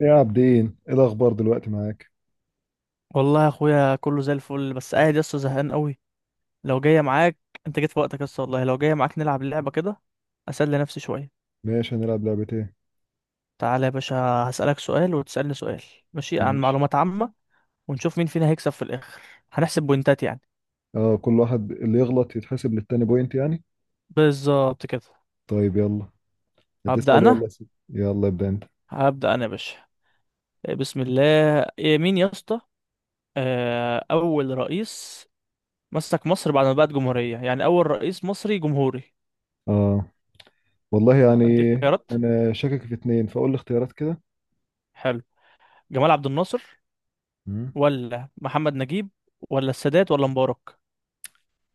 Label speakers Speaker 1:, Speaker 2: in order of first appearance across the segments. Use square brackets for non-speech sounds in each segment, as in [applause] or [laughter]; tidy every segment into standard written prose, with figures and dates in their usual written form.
Speaker 1: يا عابدين، ايه الاخبار دلوقتي معاك؟
Speaker 2: والله يا اخويا كله زي الفل، بس قاعد يسطا زهقان قوي. لو جايه معاك. انت جيت في وقتك يسطا، والله لو جايه معاك نلعب اللعبه كده اسلي نفسي شويه.
Speaker 1: ماشي، هنلعب لعبة ايه؟
Speaker 2: تعالى يا باشا، هسألك سؤال وتسألني سؤال، ماشي؟ عن
Speaker 1: ماشي.
Speaker 2: معلومات عامه، ونشوف مين فينا هيكسب في الاخر. هنحسب بوينتات يعني.
Speaker 1: اه، كل واحد اللي يغلط يتحسب للتاني بوينت يعني.
Speaker 2: بالظبط كده.
Speaker 1: طيب يلا.
Speaker 2: هبدأ
Speaker 1: هتسأل ولا
Speaker 2: انا
Speaker 1: اسأل؟ يلا ابدأ انت.
Speaker 2: هبدأ انا يا باشا. بسم الله. إيه مين يا اسطى؟ اول رئيس مسك مصر بعد ما بقت جمهوريه، يعني اول رئيس مصري جمهوري.
Speaker 1: اه، والله يعني.
Speaker 2: اديك خيارات.
Speaker 1: انا شاكك في اتنين، فاقول لي اختيارات كده.
Speaker 2: حلو. جمال عبد الناصر
Speaker 1: مم.
Speaker 2: ولا محمد نجيب ولا السادات ولا مبارك؟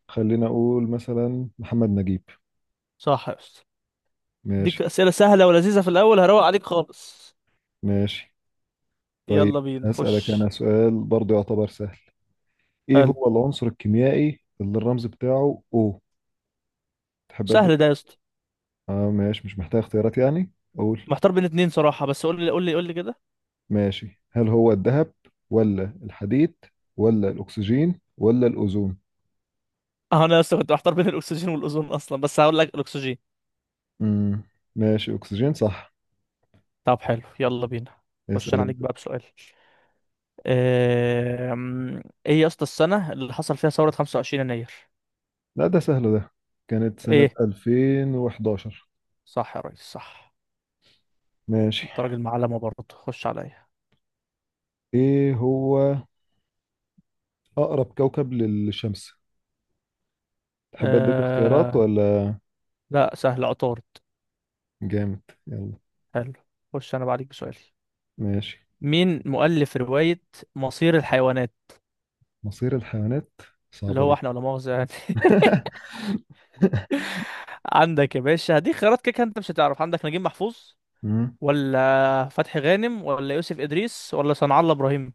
Speaker 1: خلينا اقول مثلا محمد نجيب.
Speaker 2: صح يا أستاذ.
Speaker 1: ماشي.
Speaker 2: ديك أسئلة سهلة ولذيذة في الأول، هروق عليك خالص.
Speaker 1: ماشي، طيب
Speaker 2: يلا بينا.
Speaker 1: هسألك انا
Speaker 2: خش.
Speaker 1: سؤال برضو يعتبر سهل. ايه
Speaker 2: حلو.
Speaker 1: هو العنصر الكيميائي اللي الرمز بتاعه او؟ تحب اديك؟
Speaker 2: سهل ده يا اسطى.
Speaker 1: اه ماشي، مش محتاج اختيارات يعني. قول.
Speaker 2: محتار بين اتنين صراحة، بس قول لي كده.
Speaker 1: ماشي، هل هو الذهب؟ ولا الحديد؟ ولا الأكسجين ولا الأوزون؟
Speaker 2: اه انا يا اسطى كنت محتار بين الاكسجين والاوزون اصلا، بس هقول لك الاكسجين.
Speaker 1: امم ماشي، أكسجين صح.
Speaker 2: طب حلو، يلا بينا. خش
Speaker 1: اسأل
Speaker 2: انا عليك
Speaker 1: أنت.
Speaker 2: بقى بسؤال. آم، ايه يا اسطى السنة اللي حصل فيها ثورة 25 يناير؟
Speaker 1: لا ده سهل ده، كانت سنة
Speaker 2: ايه؟
Speaker 1: 2011.
Speaker 2: صح يا ريس، صح.
Speaker 1: ماشي.
Speaker 2: انت راجل معلمة برضه. خش عليا.
Speaker 1: إيه هو أقرب كوكب للشمس؟ تحب أديك اختيارات
Speaker 2: آه...
Speaker 1: ولا؟
Speaker 2: لا سهل، عطارد.
Speaker 1: جامد، يلا.
Speaker 2: حلو. خش انا بعديك بسؤال.
Speaker 1: ماشي.
Speaker 2: مين مؤلف رواية مصير الحيوانات؟
Speaker 1: مصير الحيوانات؟
Speaker 2: اللي
Speaker 1: صعبة
Speaker 2: هو
Speaker 1: دي.
Speaker 2: احنا ولا مؤاخذة يعني.
Speaker 1: [laughs]
Speaker 2: [laughs] عندك يا باشا، هديك خيارات، كده كده انت مش هتعرف. عندك نجيب محفوظ
Speaker 1: مم.
Speaker 2: ولا فتحي غانم ولا يوسف إدريس ولا صنع الله إبراهيم؟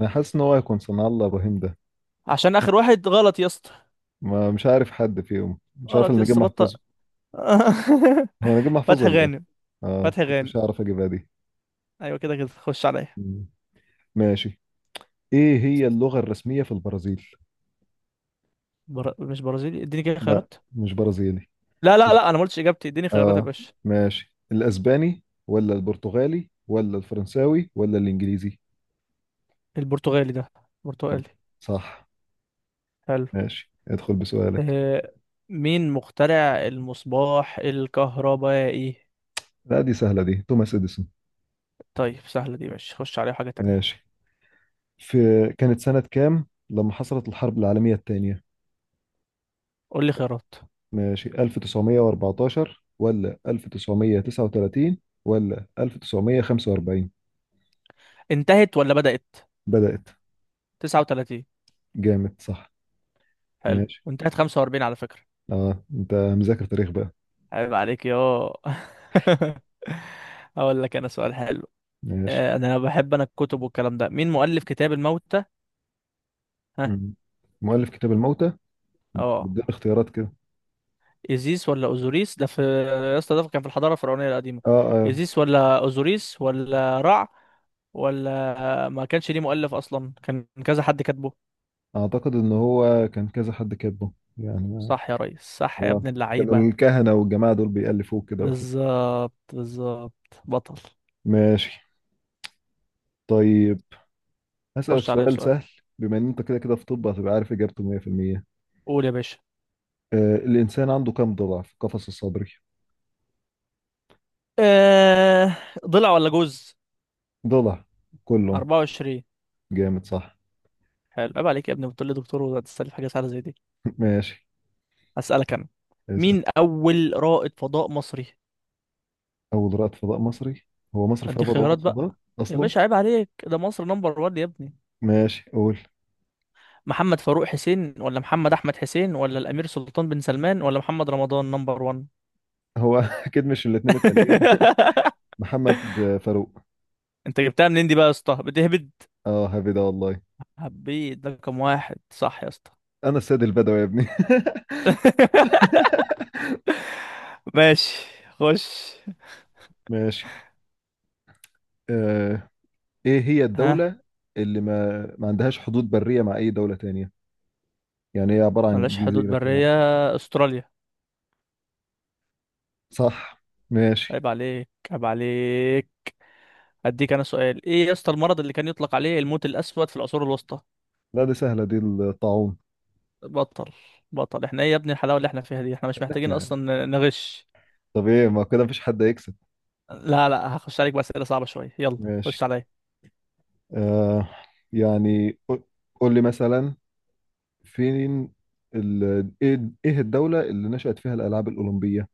Speaker 1: أنا حاسس إن هو هيكون صنع الله إبراهيم ده.
Speaker 2: عشان آخر واحد غلط يا اسطى.
Speaker 1: ما مش عارف حد فيهم، مش عارف
Speaker 2: غلط
Speaker 1: إلا
Speaker 2: يا
Speaker 1: نجيب
Speaker 2: اسطى، بطل.
Speaker 1: محفوظ.
Speaker 2: [laughs]
Speaker 1: هو نجيب محفوظ
Speaker 2: فتحي
Speaker 1: ولا؟
Speaker 2: غانم
Speaker 1: اه، ما
Speaker 2: فتحي غانم
Speaker 1: كنتش اعرف اجيبها دي.
Speaker 2: ايوه كده، كده خش عليا.
Speaker 1: مم. ماشي. ايه هي اللغة الرسمية في البرازيل؟
Speaker 2: مش برازيلي، اديني كده
Speaker 1: لا
Speaker 2: خيارات.
Speaker 1: مش برازيلي.
Speaker 2: لا لا لا، انا ما قلتش اجابتي، اديني خيارات يا
Speaker 1: اه
Speaker 2: باشا.
Speaker 1: ماشي، الاسباني ولا البرتغالي ولا الفرنساوي ولا الانجليزي؟
Speaker 2: البرتغالي ده،
Speaker 1: بر-
Speaker 2: برتغالي.
Speaker 1: صح.
Speaker 2: حلو.
Speaker 1: ماشي، ادخل بسؤالك.
Speaker 2: آه، مين مخترع المصباح الكهربائي؟
Speaker 1: لا دي سهلة دي، توماس اديسون.
Speaker 2: طيب سهلة دي، ماشي، خش عليها حاجة تانية.
Speaker 1: ماشي. في كانت سنة كام لما حصلت الحرب العالمية الثانية؟
Speaker 2: قول لي خيارات.
Speaker 1: ماشي، 1914 ولا 1939 ولا 1945؟
Speaker 2: انتهت ولا بدأت؟
Speaker 1: بدأت.
Speaker 2: 39.
Speaker 1: جامد صح.
Speaker 2: حلو،
Speaker 1: ماشي.
Speaker 2: وانتهت 45 على فكرة.
Speaker 1: اه انت مذاكر تاريخ بقى.
Speaker 2: عيب عليك يا [laughs] اقول لك انا سؤال حلو.
Speaker 1: ماشي.
Speaker 2: انا بحب انا الكتب والكلام ده. مين مؤلف كتاب الموتى؟ ها؟
Speaker 1: مم. مؤلف كتاب الموتى؟
Speaker 2: اه.
Speaker 1: بدي اختيارات كده.
Speaker 2: إيزيس ولا أوزوريس؟ ده في يا اسطى، ده كان في الحضارة الفرعونية القديمة.
Speaker 1: اه اه،
Speaker 2: إيزيس ولا أوزوريس ولا رع؟ ولا ما كانش ليه مؤلف أصلا، كان كذا حد كاتبه.
Speaker 1: اعتقد ان هو كان كذا حد كاتبه يعني.
Speaker 2: صح يا ريس، صح يا
Speaker 1: اه،
Speaker 2: ابن اللعيبة.
Speaker 1: كانوا الكهنة والجماعة دول بيألفوه كده وحد.
Speaker 2: بالظبط بالظبط. بطل.
Speaker 1: ماشي. طيب هسألك
Speaker 2: خش عليا
Speaker 1: سؤال
Speaker 2: بسؤال.
Speaker 1: سهل. بما ان انت كده كده في طب، هتبقى عارف اجابته 100%.
Speaker 2: قول يا باشا.
Speaker 1: آه، الانسان عنده كم ضلع في قفص الصدري؟
Speaker 2: آه... ضلع ولا جوز؟
Speaker 1: ضلع. كلهم.
Speaker 2: 24.
Speaker 1: جامد صح.
Speaker 2: حلو، عيب عليك يا ابني، بتقول لي دكتور وتستلف حاجة سهلة زي دي.
Speaker 1: [laughs] ماشي.
Speaker 2: هسألك أنا.
Speaker 1: اسأل.
Speaker 2: مين أول رائد فضاء مصري؟
Speaker 1: اول رائد فضاء مصري؟ هو مصر فيها
Speaker 2: ادي خيارات
Speaker 1: رائد فضاء
Speaker 2: بقى. يا
Speaker 1: اصلا؟
Speaker 2: باشا عيب عليك، ده مصر نمبر 1 يا ابني.
Speaker 1: ماشي، قول.
Speaker 2: محمد فاروق حسين ولا محمد احمد حسين ولا الامير سلطان بن سلمان ولا محمد رمضان نمبر 1؟
Speaker 1: هو [laughs] اكيد مش الاثنين التانيين.
Speaker 2: [laughs]
Speaker 1: محمد فاروق.
Speaker 2: انت جبتها منين دي بقى يا اسطى؟ بتهبد.
Speaker 1: اه، هذه ده والله.
Speaker 2: هبيت ده كم واحد صح يا اسطى؟
Speaker 1: انا السيد البدوي يا ابني.
Speaker 2: [laughs]
Speaker 1: [laughs]
Speaker 2: ماشي. خش.
Speaker 1: ماشي. آه. ايه هي
Speaker 2: ها.
Speaker 1: الدولة اللي ما عندهاش حدود برية مع اي دولة تانية؟ يعني هي عبارة عن
Speaker 2: ملاش حدود
Speaker 1: جزيرة كده.
Speaker 2: برية، استراليا.
Speaker 1: صح. ماشي.
Speaker 2: عيب عليك، عيب عليك. هديك انا سؤال. ايه يا اسطى المرض اللي كان يطلق عليه الموت الاسود في العصور الوسطى؟
Speaker 1: لا دي سهلة دي، الطاعون.
Speaker 2: بطل بطل. احنا ايه يا ابني الحلاوه اللي احنا فيها دي؟ احنا مش
Speaker 1: احنا
Speaker 2: محتاجين
Speaker 1: يعني.
Speaker 2: اصلا نغش.
Speaker 1: طب ايه، ما كده مفيش حد هيكسب.
Speaker 2: لا لا، هخش عليك بأسئلة صعبة شوية. يلا
Speaker 1: ماشي.
Speaker 2: خش عليا.
Speaker 1: آه. يعني قول لي مثلا، فين ال... ايه، إيه الدولة اللي نشأت فيها الألعاب الأولمبية؟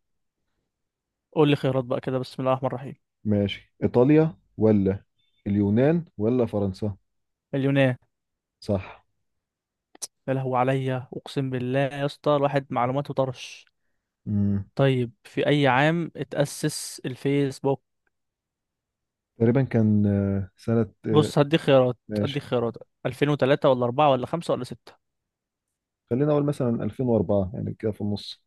Speaker 2: قول لي خيارات بقى كده، بسم الله الرحمن الرحيم.
Speaker 1: ماشي، إيطاليا ولا اليونان ولا فرنسا؟
Speaker 2: اليونان.
Speaker 1: صح.
Speaker 2: يا لهو عليا، اقسم بالله يا اسطى الواحد معلوماته طرش.
Speaker 1: امم
Speaker 2: طيب، في اي عام اتأسس الفيسبوك؟
Speaker 1: تقريبا كان سنة
Speaker 2: بص هديك خيارات. هديك
Speaker 1: ماشي.
Speaker 2: خيارات 2003 ولا 4 ولا 5 ولا 6؟
Speaker 1: خلينا أقول مثلا 2004، يعني كده في النص.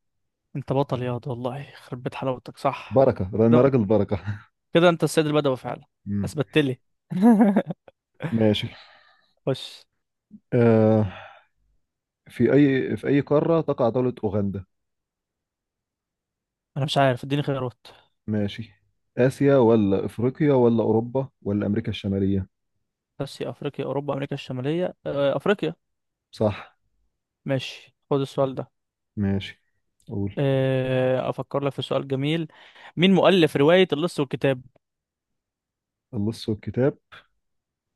Speaker 2: انت بطل ياض، والله يخرب بيت حلاوتك، صح.
Speaker 1: بركة، أنا
Speaker 2: ده-
Speaker 1: راجل بركة.
Speaker 2: كده انت السيد البدوي فعلا.
Speaker 1: [laughs] امم
Speaker 2: اثبتت لي. [laughs]
Speaker 1: ماشي.
Speaker 2: خش.
Speaker 1: آه، في أي قارة تقع دولة أوغندا؟
Speaker 2: انا مش عارف، اديني خيارات.
Speaker 1: ماشي، آسيا ولا أفريقيا ولا أوروبا ولا أمريكا الشمالية؟
Speaker 2: اسيا، افريقيا، اوروبا، امريكا الشماليه. افريقيا.
Speaker 1: صح.
Speaker 2: ماشي خد السؤال ده.
Speaker 1: ماشي. أقول.
Speaker 2: افكر لك في سؤال جميل. مين مؤلف روايه اللص والكتاب؟
Speaker 1: اللص والكتاب؟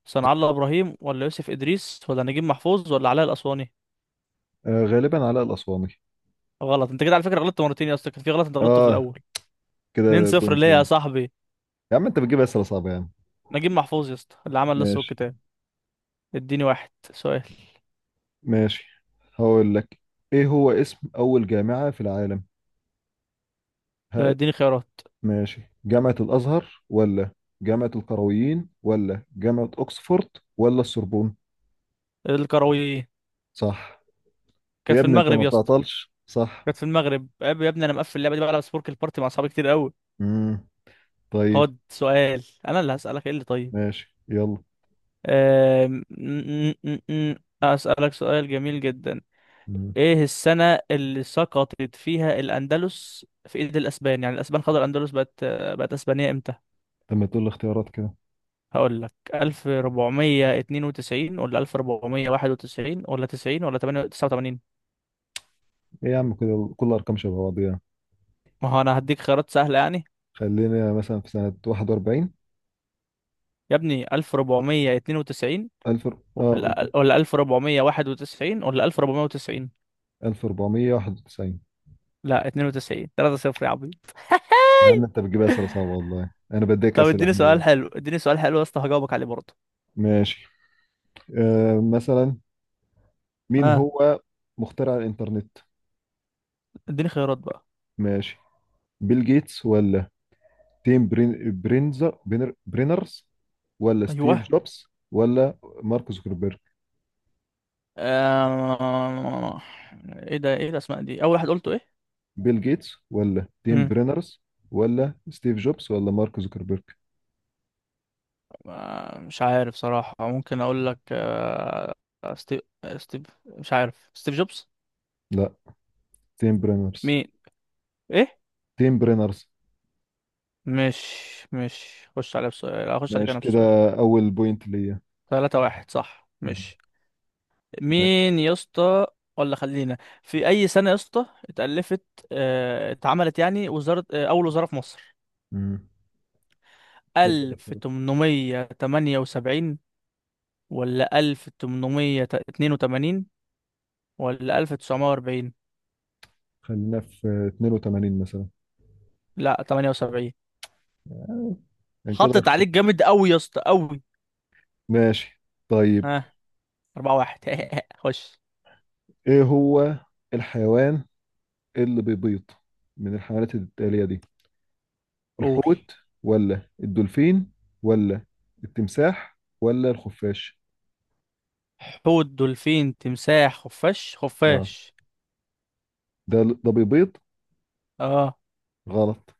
Speaker 2: صنع الله ابراهيم ولا يوسف ادريس ولا نجيب محفوظ ولا علاء الاسواني؟
Speaker 1: آه، غالبا علاء الأسواني.
Speaker 2: غلط. انت كده على فكره غلطت مرتين يا اسطى، كان في غلط انت غلطته في
Speaker 1: آه،
Speaker 2: الاول. 2
Speaker 1: كده
Speaker 2: 0، ليه يا
Speaker 1: بوينتين.
Speaker 2: صاحبي؟
Speaker 1: يا عم، أنت بتجيب أسئلة صعبة يا عم.
Speaker 2: نجيب محفوظ يا اسطى اللي عمل اللص
Speaker 1: ماشي.
Speaker 2: والكتاب. اديني واحد سؤال.
Speaker 1: ماشي، هقول لك. ايه هو اسم اول جامعة في العالم؟ ها.
Speaker 2: اديني خيارات.
Speaker 1: ماشي، جامعة الازهر ولا جامعة القرويين ولا جامعة اوكسفورد ولا السوربون؟
Speaker 2: الكرويين.
Speaker 1: صح.
Speaker 2: كانت
Speaker 1: يا
Speaker 2: في
Speaker 1: ابني انت
Speaker 2: المغرب
Speaker 1: ما
Speaker 2: يا اسطى.
Speaker 1: بتعطلش صح.
Speaker 2: كانت في المغرب يا ابني، انا مقفل اللعبه دي بقى على سبورك البارتي مع اصحابي كتير قوي.
Speaker 1: امم طيب.
Speaker 2: خد سؤال انا اللي هسألك. ايه اللي طيب.
Speaker 1: ماشي يلا.
Speaker 2: أم... م- م- م- م. هسألك سؤال جميل جدا.
Speaker 1: امم
Speaker 2: ايه السنة اللي سقطت فيها الاندلس في ايد الاسبان؟ يعني الاسبان خدوا الاندلس، بقت اسبانية امتى؟
Speaker 1: لما تقول لي اختيارات كده.
Speaker 2: هقول لك 1492 ولا 1491 ولا 90 ولا 89؟
Speaker 1: ايه يا عم، كده كل ارقام شبه بعضيها.
Speaker 2: ما هو انا هديك خيارات سهلة يعني.
Speaker 1: خلينا مثلا في سنة 41،
Speaker 2: يا ابني 1492
Speaker 1: 1000. اه،
Speaker 2: ولا
Speaker 1: قلت
Speaker 2: ولا 1491 ولا 1490.
Speaker 1: 1491.
Speaker 2: لا، 92، 3 0 يا عبيط. [laughs]
Speaker 1: يا عم انت بتجيبها اسئله صعبه، والله انا بديك
Speaker 2: طب
Speaker 1: اسئله
Speaker 2: اديني
Speaker 1: احنا
Speaker 2: سؤال
Speaker 1: يعني.
Speaker 2: حلو، اديني سؤال حلو يا اسطى هجاوبك عليه برضه.
Speaker 1: ماشي. آه، مثلا مين
Speaker 2: ها.
Speaker 1: هو مخترع الإنترنت؟
Speaker 2: اديني خيارات بقى.
Speaker 1: ماشي، بيل جيتس ولا تيم برين برينزر برينر برينرز ولا ستيف
Speaker 2: ايوه.
Speaker 1: جوبز ولا مارك زوكربيرج؟
Speaker 2: آه... ايه ده؟ ايه الاسماء دي؟ اول واحد قلته ايه؟
Speaker 1: بيل جيتس ولا تيم
Speaker 2: مم.
Speaker 1: برينرز ولا ستيف جوبز ولا مارك زوكربيرج؟
Speaker 2: مش عارف صراحة، ممكن اقول لك ستيف. مش عارف، ستيف جوبز.
Speaker 1: لا، تيم برينرز.
Speaker 2: مين؟ ايه؟
Speaker 1: تيم برينرز.
Speaker 2: مش مش خش عليه بسؤال. اخش عليك
Speaker 1: ماشي
Speaker 2: انا
Speaker 1: كده،
Speaker 2: بسؤال.
Speaker 1: أول بوينت ليا.
Speaker 2: 3-1 صح،
Speaker 1: مم.
Speaker 2: مش؟
Speaker 1: ماشي.
Speaker 2: مين يا اسطى؟ خلينا في اي سنة يا اسطى اتألفت؟ اتعملت يعني وزارة، اول وزارة في مصر.
Speaker 1: مم. أول
Speaker 2: ألف
Speaker 1: الاختيارات.
Speaker 2: تمنمية تمانية وسبعين ولا 1882 ولا 1940؟
Speaker 1: خلينا في 82 مثلا،
Speaker 2: لا، تمانية وسبعين.
Speaker 1: يعني كده
Speaker 2: حطت
Speaker 1: أخسر.
Speaker 2: عليك جامد أوي يا اسطى، أوي.
Speaker 1: ماشي. طيب
Speaker 2: ها. 4-1. [laughs] خش.
Speaker 1: إيه هو الحيوان، إيه اللي بيبيض من الحيوانات التالية دي؟
Speaker 2: قول.
Speaker 1: الحوت ولا الدولفين ولا التمساح ولا الخفاش؟
Speaker 2: حوت، دولفين، تمساح، خفاش.
Speaker 1: اه،
Speaker 2: خفاش.
Speaker 1: ده ده بيبيض.
Speaker 2: اه.
Speaker 1: غلط،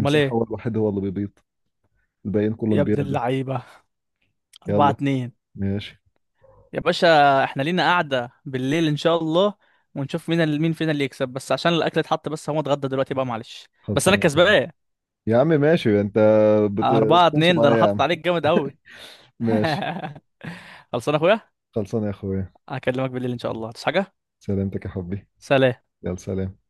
Speaker 2: امال ايه؟
Speaker 1: هو الوحيد هو اللي بيبيض. الباقيين
Speaker 2: يا
Speaker 1: كلهم
Speaker 2: ابن
Speaker 1: بينادوا.
Speaker 2: اللعيبة. أربعة
Speaker 1: يلا،
Speaker 2: اتنين
Speaker 1: ماشي.
Speaker 2: يا باشا احنا لينا قعدة بالليل إن شاء الله، ونشوف مين فينا اللي يكسب، بس عشان الأكل اتحط، بس هو اتغدى دلوقتي بقى، معلش. بس أنا
Speaker 1: خلصانة يا حبيبي.
Speaker 2: كسبان.
Speaker 1: يا عم ماشي انت، بت...
Speaker 2: أربعة
Speaker 1: بتنصب
Speaker 2: اتنين ده،
Speaker 1: عليا
Speaker 2: أنا
Speaker 1: يا
Speaker 2: حاطط
Speaker 1: عم.
Speaker 2: عليك جامد أوي.
Speaker 1: ماشي.
Speaker 2: [laughs] خلصان يا أخويا.
Speaker 1: خلصانة يا اخويا.
Speaker 2: هكلمك بالليل إن شاء الله تصحى حاجة.
Speaker 1: سلامتك يا حبي.
Speaker 2: سلام.
Speaker 1: يلا، سلام.